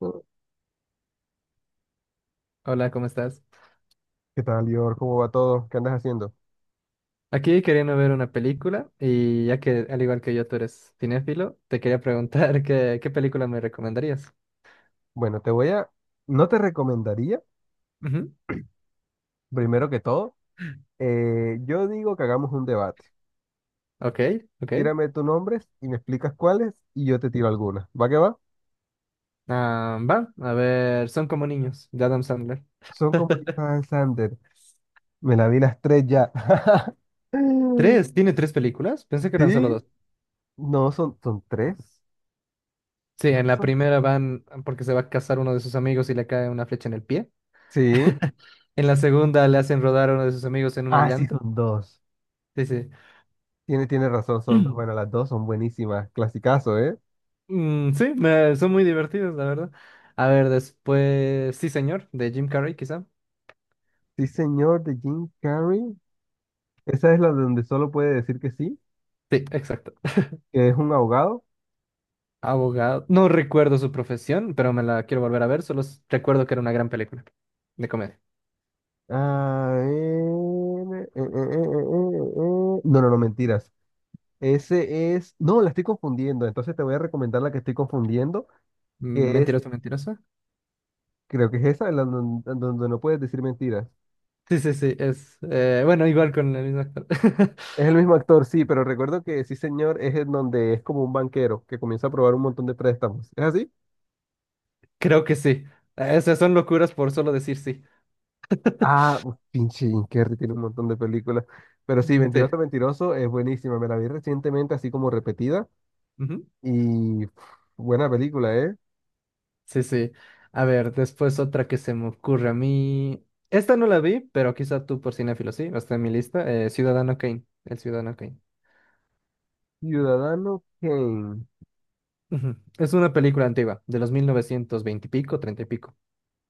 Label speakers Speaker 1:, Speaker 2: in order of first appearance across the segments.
Speaker 1: Mm.
Speaker 2: Hola, ¿cómo estás?
Speaker 1: ¿Qué tal, Lior? ¿Cómo va todo? ¿Qué andas haciendo?
Speaker 2: Aquí queriendo ver una película y ya que al igual que yo tú eres cinéfilo, te quería preguntar qué película me recomendarías.
Speaker 1: Bueno, te voy a... No te recomendaría,
Speaker 2: Ujú.
Speaker 1: primero que todo, yo digo que hagamos un debate.
Speaker 2: Ok, ok.
Speaker 1: Tírame tus nombres y me explicas cuáles y yo te tiro algunas. ¿Va que va?
Speaker 2: Ah, va, a ver, Son como niños, de Adam Sandler.
Speaker 1: Son como Lisa Van Sander. Me la vi las tres ya.
Speaker 2: ¿Tres? ¿Tiene tres películas? Pensé que eran solo
Speaker 1: Sí,
Speaker 2: dos.
Speaker 1: no, son tres.
Speaker 2: Sí,
Speaker 1: Creo
Speaker 2: en
Speaker 1: que
Speaker 2: la
Speaker 1: son.
Speaker 2: primera van porque se va a casar uno de sus amigos y le cae una flecha en el pie.
Speaker 1: Sí.
Speaker 2: En la segunda le hacen rodar a uno de sus amigos en una
Speaker 1: Ah, sí,
Speaker 2: llanta.
Speaker 1: son dos.
Speaker 2: Sí, sí.
Speaker 1: Tiene razón, son dos. Bueno, las dos son buenísimas. Clasicazo, ¿eh?
Speaker 2: Mm, sí, son muy divertidos, la verdad. A ver, después, sí, señor, de Jim Carrey, quizá.
Speaker 1: Sí, señor, de Jim Carrey. Esa es la donde solo puede decir que sí.
Speaker 2: Sí, exacto.
Speaker 1: Que es un ahogado.
Speaker 2: Abogado. No recuerdo su profesión, pero me la quiero volver a ver. Solo recuerdo que era una gran película de comedia.
Speaker 1: Ah, eh, eh, eh, eh, No, no, no, mentiras. Ese es. No, la estoy confundiendo. Entonces te voy a recomendar la que estoy confundiendo,
Speaker 2: Mm,
Speaker 1: que es,
Speaker 2: Mentiroso, mentiroso.
Speaker 1: creo que es esa, la donde no puedes decir mentiras.
Speaker 2: Sí, sí, sí, bueno, igual con el mismo actor.
Speaker 1: Es el mismo actor, sí, pero recuerdo que sí, señor, es en donde es como un banquero que comienza a probar un montón de préstamos. ¿Es así?
Speaker 2: Creo que sí. Esas son locuras por solo decir sí.
Speaker 1: Ah, uf, pinche Jim Carrey tiene un montón de películas. Pero sí,
Speaker 2: Mm.
Speaker 1: Mentiroso, Mentiroso es buenísima. Me la vi recientemente, así como repetida.
Speaker 2: Sí.
Speaker 1: Y pf, buena película, ¿eh?
Speaker 2: Sí, sí. A ver, después otra que se me ocurre a mí. Esta no la vi, pero quizá tú por cinéfilo, sí, está en mi lista. Ciudadano Kane, el Ciudadano Kane.
Speaker 1: Ciudadano Kane.
Speaker 2: Ujú. Es una película antigua, de los 1920 y pico, 30 y pico.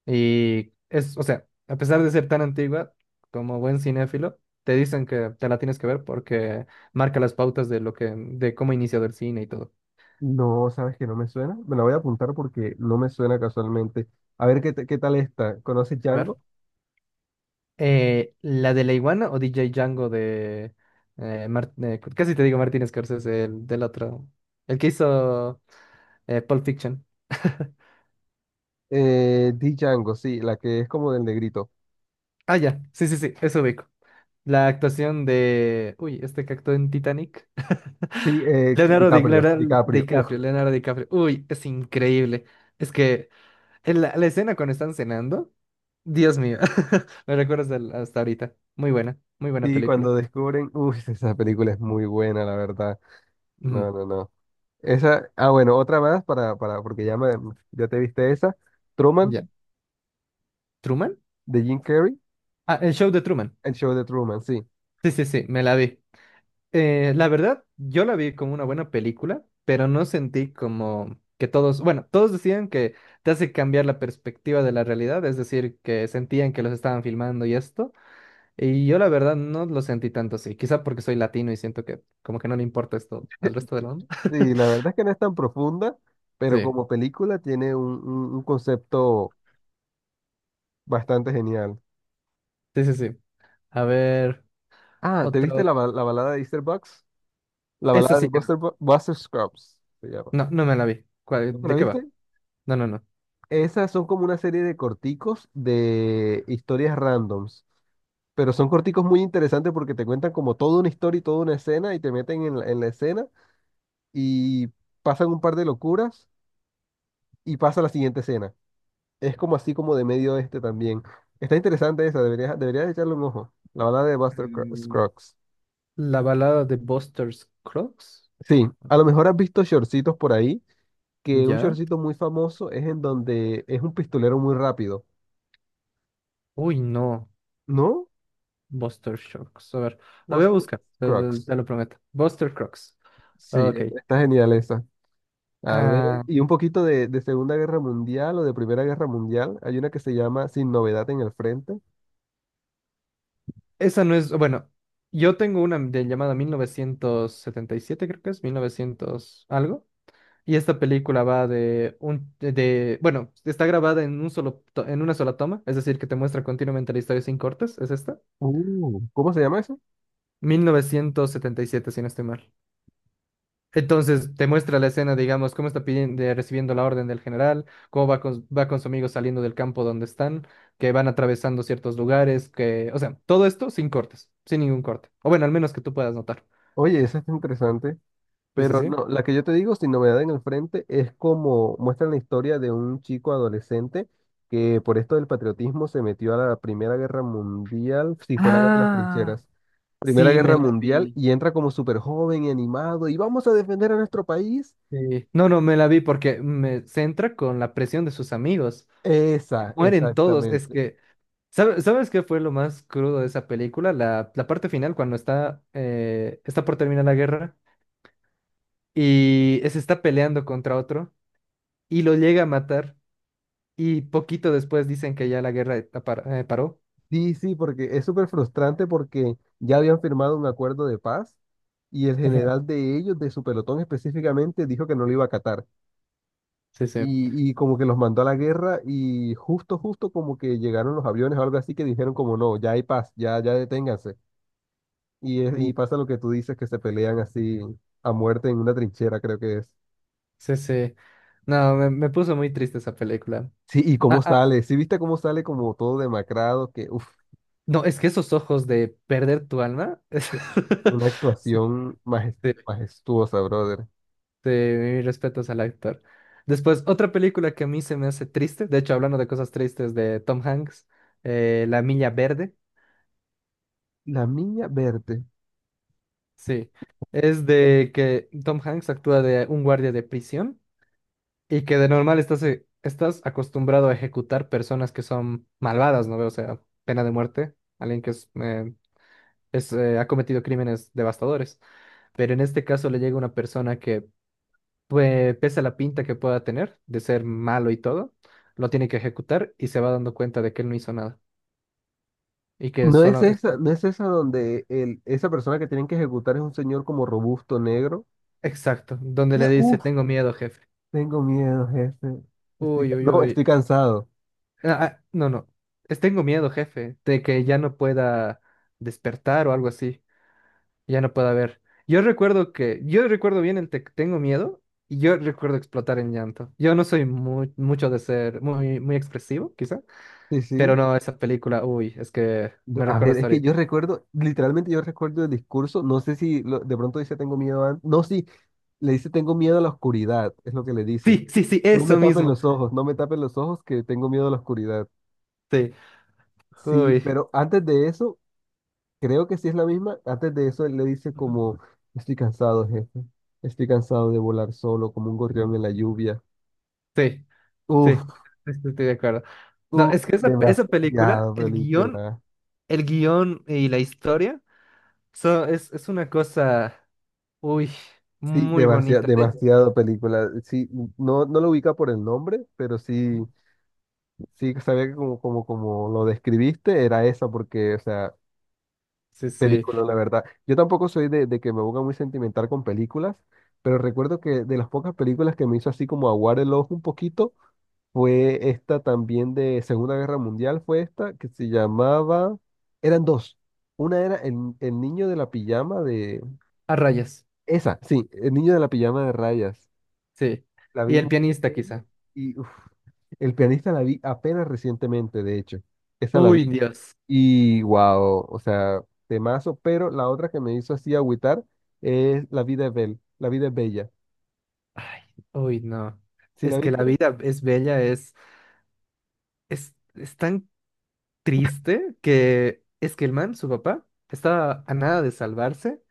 Speaker 2: Y es, o sea, a pesar de ser tan antigua, como buen cinéfilo, te dicen que te la tienes que ver porque marca las pautas de lo que, de cómo ha iniciado el cine y todo.
Speaker 1: No, sabes que no me suena. Me la voy a apuntar porque no me suena casualmente. A ver qué, qué tal está. ¿Conoces
Speaker 2: A ver.
Speaker 1: Django?
Speaker 2: ¿La de la iguana o DJ Django de... casi te digo Martin Scorsese, el del otro? El que hizo Pulp Fiction.
Speaker 1: Di Django, sí, la que es como del negrito.
Speaker 2: Ah, ya. Sí, sí, sí, eso ubico. La actuación de... Uy, este que actuó en Titanic.
Speaker 1: Sí,
Speaker 2: Leonardo,
Speaker 1: DiCaprio,
Speaker 2: Leonardo
Speaker 1: DiCaprio. Uf.
Speaker 2: DiCaprio, Leonardo DiCaprio. Uy, es increíble. Es que en la escena cuando están cenando, Dios mío, me recuerdas hasta ahorita. Muy buena
Speaker 1: Sí,
Speaker 2: película.
Speaker 1: cuando descubren, uff esa película es muy buena, la verdad.
Speaker 2: Ujú.
Speaker 1: No, no, no. Esa, ah, bueno, otra más para, porque ya me, ya te viste esa. Truman,
Speaker 2: Ya. ¿Truman?
Speaker 1: de Jim Carrey,
Speaker 2: Ah, el show de Truman.
Speaker 1: el show de Truman, sí.
Speaker 2: Sí, sí, sí, me la vi. La verdad, yo la vi como una buena película, pero no sentí como que todos, bueno, todos decían que te hace cambiar la perspectiva de la realidad, es decir, que sentían que los estaban filmando y esto, y yo la verdad no lo sentí tanto así, quizá porque soy latino y siento que como que no le importa esto al resto del mundo.
Speaker 1: Sí, la verdad es que no es tan profunda, pero
Speaker 2: Sí,
Speaker 1: como película tiene un concepto bastante genial.
Speaker 2: sí, sí, sí. A ver,
Speaker 1: Ah, ¿te viste
Speaker 2: otro.
Speaker 1: la balada de Easter Bucks? La
Speaker 2: Eso
Speaker 1: balada de
Speaker 2: sí que no.
Speaker 1: Buster Scruggs se llama.
Speaker 2: No, no me la vi.
Speaker 1: ¿No te la
Speaker 2: ¿De qué va?
Speaker 1: viste?
Speaker 2: No, no, no.
Speaker 1: Esas son como una serie de corticos de historias randoms, pero son corticos muy interesantes porque te cuentan como toda una historia y toda una escena y te meten en la escena y pasan un par de locuras y pasa la siguiente escena. Es como así como de medio oeste también. Está interesante esa, deberías echarle un ojo. La balada de Buster
Speaker 2: Mm,
Speaker 1: Scruggs.
Speaker 2: La balada de Buster Scruggs.
Speaker 1: Sí, a lo mejor has visto shortcitos por ahí, que un
Speaker 2: ¿Ya?
Speaker 1: shortcito muy famoso es en donde es un pistolero muy rápido,
Speaker 2: Uy, no.
Speaker 1: ¿no?
Speaker 2: Buster Shocks. A ver, lo voy a
Speaker 1: Buster
Speaker 2: buscar, te, te-
Speaker 1: Scruggs.
Speaker 2: te lo prometo. Buster Crocs.
Speaker 1: Sí,
Speaker 2: Ok.
Speaker 1: está genial esa. A ver,
Speaker 2: Ah,
Speaker 1: y un poquito de Segunda Guerra Mundial o de Primera Guerra Mundial. Hay una que se llama Sin Novedad en el Frente.
Speaker 2: esa no es. Bueno, yo tengo una de llamada 1977, creo que es, 1900 algo. Y esta película va de un. Bueno, está grabada en un solo, en una sola toma, es decir, que te muestra continuamente la historia sin cortes. ¿Es esta?
Speaker 1: ¿Cómo se llama eso?
Speaker 2: 1977, si no estoy mal. Entonces, te muestra la escena, digamos, cómo está pidiendo, recibiendo la orden del general, cómo va con su amigo saliendo del campo donde están, que van atravesando ciertos lugares, que, o sea, todo esto sin cortes, sin ningún corte. O bueno, al menos que tú puedas notar.
Speaker 1: Oye, esa está interesante.
Speaker 2: Sí, sí,
Speaker 1: Pero
Speaker 2: sí.
Speaker 1: no, la que yo te digo, Sin Novedad en el Frente, es como muestran la historia de un chico adolescente que por esto del patriotismo se metió a la Primera Guerra Mundial, sí, fue la Guerra de las
Speaker 2: Ah,
Speaker 1: Trincheras, Primera
Speaker 2: sí, me
Speaker 1: Guerra
Speaker 2: la
Speaker 1: Mundial,
Speaker 2: vi.
Speaker 1: y entra como súper joven y animado, y vamos a defender a nuestro país.
Speaker 2: Sí. No, no, me la vi porque me centra con la presión de sus amigos.
Speaker 1: Esa,
Speaker 2: Mueren todos. Es
Speaker 1: exactamente.
Speaker 2: que, ¿sabes qué fue lo más crudo de esa película? La parte final, cuando está por terminar la guerra. Y se está peleando contra otro y lo llega a matar y poquito después dicen que ya la guerra paró.
Speaker 1: Sí, sí, porque es súper frustrante porque ya habían firmado un acuerdo de paz y el
Speaker 2: Ujú.
Speaker 1: general de ellos, de su pelotón específicamente, dijo que no lo iba a acatar.
Speaker 2: Sí, sí.
Speaker 1: Y como que los mandó a la guerra y justo como que llegaron los aviones o algo así que dijeron como no, ya hay paz, ya, ya deténganse. Y,
Speaker 2: Uh,
Speaker 1: y pasa lo que tú dices, que se pelean así a muerte en una trinchera, creo que es.
Speaker 2: Sí, sí. No, me puso muy triste esa película.
Speaker 1: Sí, y cómo
Speaker 2: Ah, ah,
Speaker 1: sale, sí viste cómo sale como todo demacrado, que uff,
Speaker 2: no, es que esos ojos de perder tu alma.
Speaker 1: una
Speaker 2: Sí,
Speaker 1: actuación
Speaker 2: sí,
Speaker 1: majestuosa, brother.
Speaker 2: sí, mis respetos al actor. Después, otra película que a mí se me hace triste, de hecho, hablando de cosas tristes de Tom Hanks, La Milla Verde.
Speaker 1: La niña verde.
Speaker 2: Sí, es de que Tom Hanks actúa de un guardia de prisión y que de normal estás, estás acostumbrado a ejecutar personas que son malvadas, ¿no? O sea, pena de muerte, alguien que ha cometido crímenes devastadores. Pero en este caso le llega una persona que, pues, pese a la pinta que pueda tener de ser malo y todo, lo tiene que ejecutar y se va dando cuenta de que él no hizo nada y que
Speaker 1: No es
Speaker 2: solo es...
Speaker 1: esa, no es esa donde el, esa persona que tienen que ejecutar es un señor como robusto negro.
Speaker 2: Exacto, donde le dice, tengo miedo, jefe.
Speaker 1: Tengo miedo, jefe. Estoy,
Speaker 2: Uy, uy,
Speaker 1: no, estoy
Speaker 2: uy.
Speaker 1: cansado.
Speaker 2: Ah, ah, no, no. Tengo miedo, jefe, de que ya no pueda despertar o algo así. Ya no pueda ver. Yo recuerdo bien tengo miedo y yo recuerdo explotar en llanto. Yo no soy muy, mucho de ser muy, muy expresivo, quizá,
Speaker 1: Sí,
Speaker 2: pero
Speaker 1: sí.
Speaker 2: no, esa película, uy, es que
Speaker 1: No,
Speaker 2: me
Speaker 1: a
Speaker 2: recuerda
Speaker 1: ver, es
Speaker 2: hasta
Speaker 1: que
Speaker 2: ahorita.
Speaker 1: yo recuerdo, literalmente yo recuerdo el discurso. No sé si de pronto dice tengo miedo a, no, sí, le dice tengo miedo a la oscuridad, es lo que le dice.
Speaker 2: Sí, sí, sí,
Speaker 1: No
Speaker 2: eso
Speaker 1: me tapen
Speaker 2: mismo.
Speaker 1: los ojos, no me tapen los ojos, que tengo miedo a la oscuridad.
Speaker 2: Sí,
Speaker 1: Sí,
Speaker 2: uy,
Speaker 1: pero antes de eso, creo que sí es la misma. Antes de eso, él le dice
Speaker 2: Ujú.
Speaker 1: como, estoy cansado, jefe. Estoy cansado de volar solo como un gorrión en la lluvia.
Speaker 2: Sí, sí,
Speaker 1: Uf,
Speaker 2: estoy de acuerdo. No,
Speaker 1: uf,
Speaker 2: es que esa película,
Speaker 1: demasiada película.
Speaker 2: el guión y la historia. So, es una cosa, uy,
Speaker 1: Sí,
Speaker 2: muy bonita.
Speaker 1: demasiado película. Sí, no, no lo ubica por el nombre, pero sí, sí sabía que como lo describiste, era esa, porque, o sea,
Speaker 2: Sí, sí,
Speaker 1: película, la verdad. Yo tampoco soy de que me ponga muy sentimental con películas, pero recuerdo que de las pocas películas que me hizo así como aguar el ojo un poquito, fue esta también de Segunda Guerra Mundial, fue esta, que se llamaba, eran dos. Una era el niño de la pijama de...
Speaker 2: a rayas,
Speaker 1: Esa, sí, el niño de la pijama de rayas.
Speaker 2: sí.
Speaker 1: La vi
Speaker 2: Y el
Speaker 1: muy
Speaker 2: pianista
Speaker 1: pequeño
Speaker 2: quizá.
Speaker 1: y uf, el pianista la vi apenas recientemente, de hecho. Esa la
Speaker 2: Uy,
Speaker 1: vi
Speaker 2: Dios.
Speaker 1: y wow, o sea, temazo, pero la otra que me hizo así agüitar es La vida es bella, La vida es bella.
Speaker 2: Ay, uy, no.
Speaker 1: ¿Sí la
Speaker 2: Es que
Speaker 1: viste?
Speaker 2: la vida es bella, es tan triste que es que el man, su papá, estaba a nada de salvarse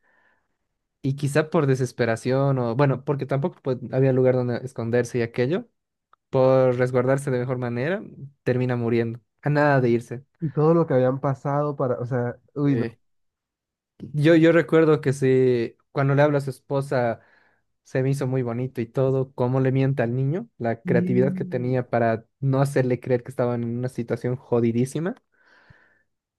Speaker 2: y quizá por desesperación o, bueno, porque tampoco pues, había lugar donde esconderse y aquello, por resguardarse de mejor manera, termina muriendo, a nada de irse.
Speaker 1: Y todo lo que habían pasado para, o sea, uy, no.
Speaker 2: Sí. Yo recuerdo cuando le habla a su esposa, se me hizo muy bonito y todo, cómo le mienta al niño, la
Speaker 1: Sí,
Speaker 2: creatividad que tenía para no hacerle creer que estaban en una situación jodidísima.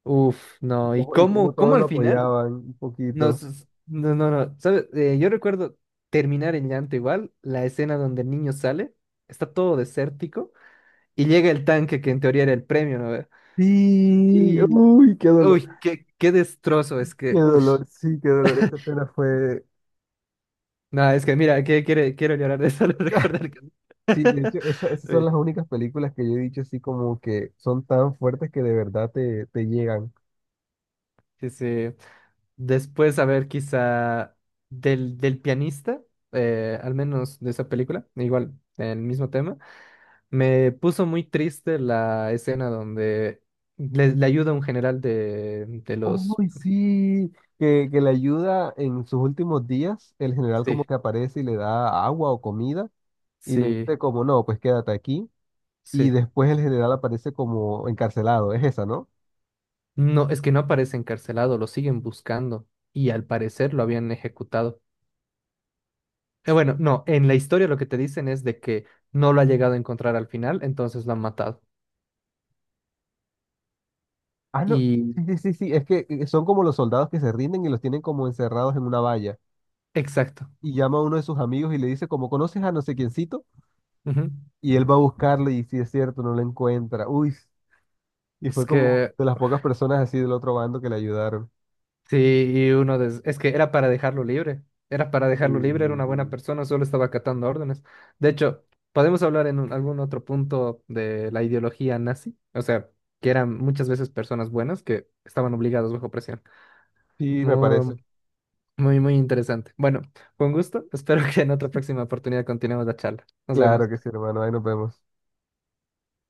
Speaker 2: Uf,
Speaker 1: y
Speaker 2: no, y
Speaker 1: cómo, y cómo
Speaker 2: cómo
Speaker 1: todos lo
Speaker 2: al final,
Speaker 1: apoyaban un poquito.
Speaker 2: no, no, no, ¿sabes? Yo recuerdo terminar en llanto igual, la escena donde el niño sale, está todo desértico, y llega el tanque que en teoría era el premio, ¿no? ve.
Speaker 1: Sí,
Speaker 2: Y,
Speaker 1: uy,
Speaker 2: uy, qué destrozo, es
Speaker 1: qué
Speaker 2: que, uff.
Speaker 1: dolor, sí, qué dolor. Esta escena fue
Speaker 2: No, es que mira, que quiero llorar de solo recordar que...
Speaker 1: sí, de hecho, esas son las
Speaker 2: Uy,
Speaker 1: únicas películas que yo he dicho así como que son tan fuertes que de verdad te, te llegan.
Speaker 2: sí, sí. Después, a ver, quizá del pianista, al menos de esa película, igual, el mismo tema, me puso muy triste la escena donde le ayuda a un general de los...
Speaker 1: Uy, sí, que le ayuda en sus últimos días, el general
Speaker 2: Sí,
Speaker 1: como que aparece y le da agua o comida y le
Speaker 2: sí,
Speaker 1: dice como, no, pues quédate aquí. Y
Speaker 2: sí.
Speaker 1: después el general aparece como encarcelado, es esa, ¿no?
Speaker 2: No, es que no aparece encarcelado, lo siguen buscando y al parecer lo habían ejecutado. Bueno, no, en la historia lo que te dicen es de que no lo ha llegado a encontrar al final, entonces lo han matado.
Speaker 1: Ah, no,
Speaker 2: Y
Speaker 1: sí, sí, sí, sí, es que son como los soldados que se rinden y los tienen como encerrados en una valla.
Speaker 2: exacto.
Speaker 1: Y llama a uno de sus amigos y le dice como, ¿conoces a no sé quiéncito?
Speaker 2: Ujú.
Speaker 1: Y él va a buscarlo y si es cierto, no la encuentra. Uy, y fue
Speaker 2: Es
Speaker 1: como
Speaker 2: que
Speaker 1: de las pocas personas así del otro bando que le ayudaron.
Speaker 2: sí, y es que era para dejarlo libre. Era para dejarlo libre, era una buena
Speaker 1: Y...
Speaker 2: persona, solo estaba acatando órdenes. De hecho, podemos hablar algún otro punto de la ideología nazi, o sea, que eran muchas veces personas buenas que estaban obligadas bajo presión.
Speaker 1: Sí, me
Speaker 2: Muy,
Speaker 1: parece.
Speaker 2: muy, muy interesante. Bueno, con gusto. Espero que en otra próxima oportunidad continuemos la charla. Nos
Speaker 1: Claro que sí,
Speaker 2: vemos.
Speaker 1: hermano. Ahí nos vemos.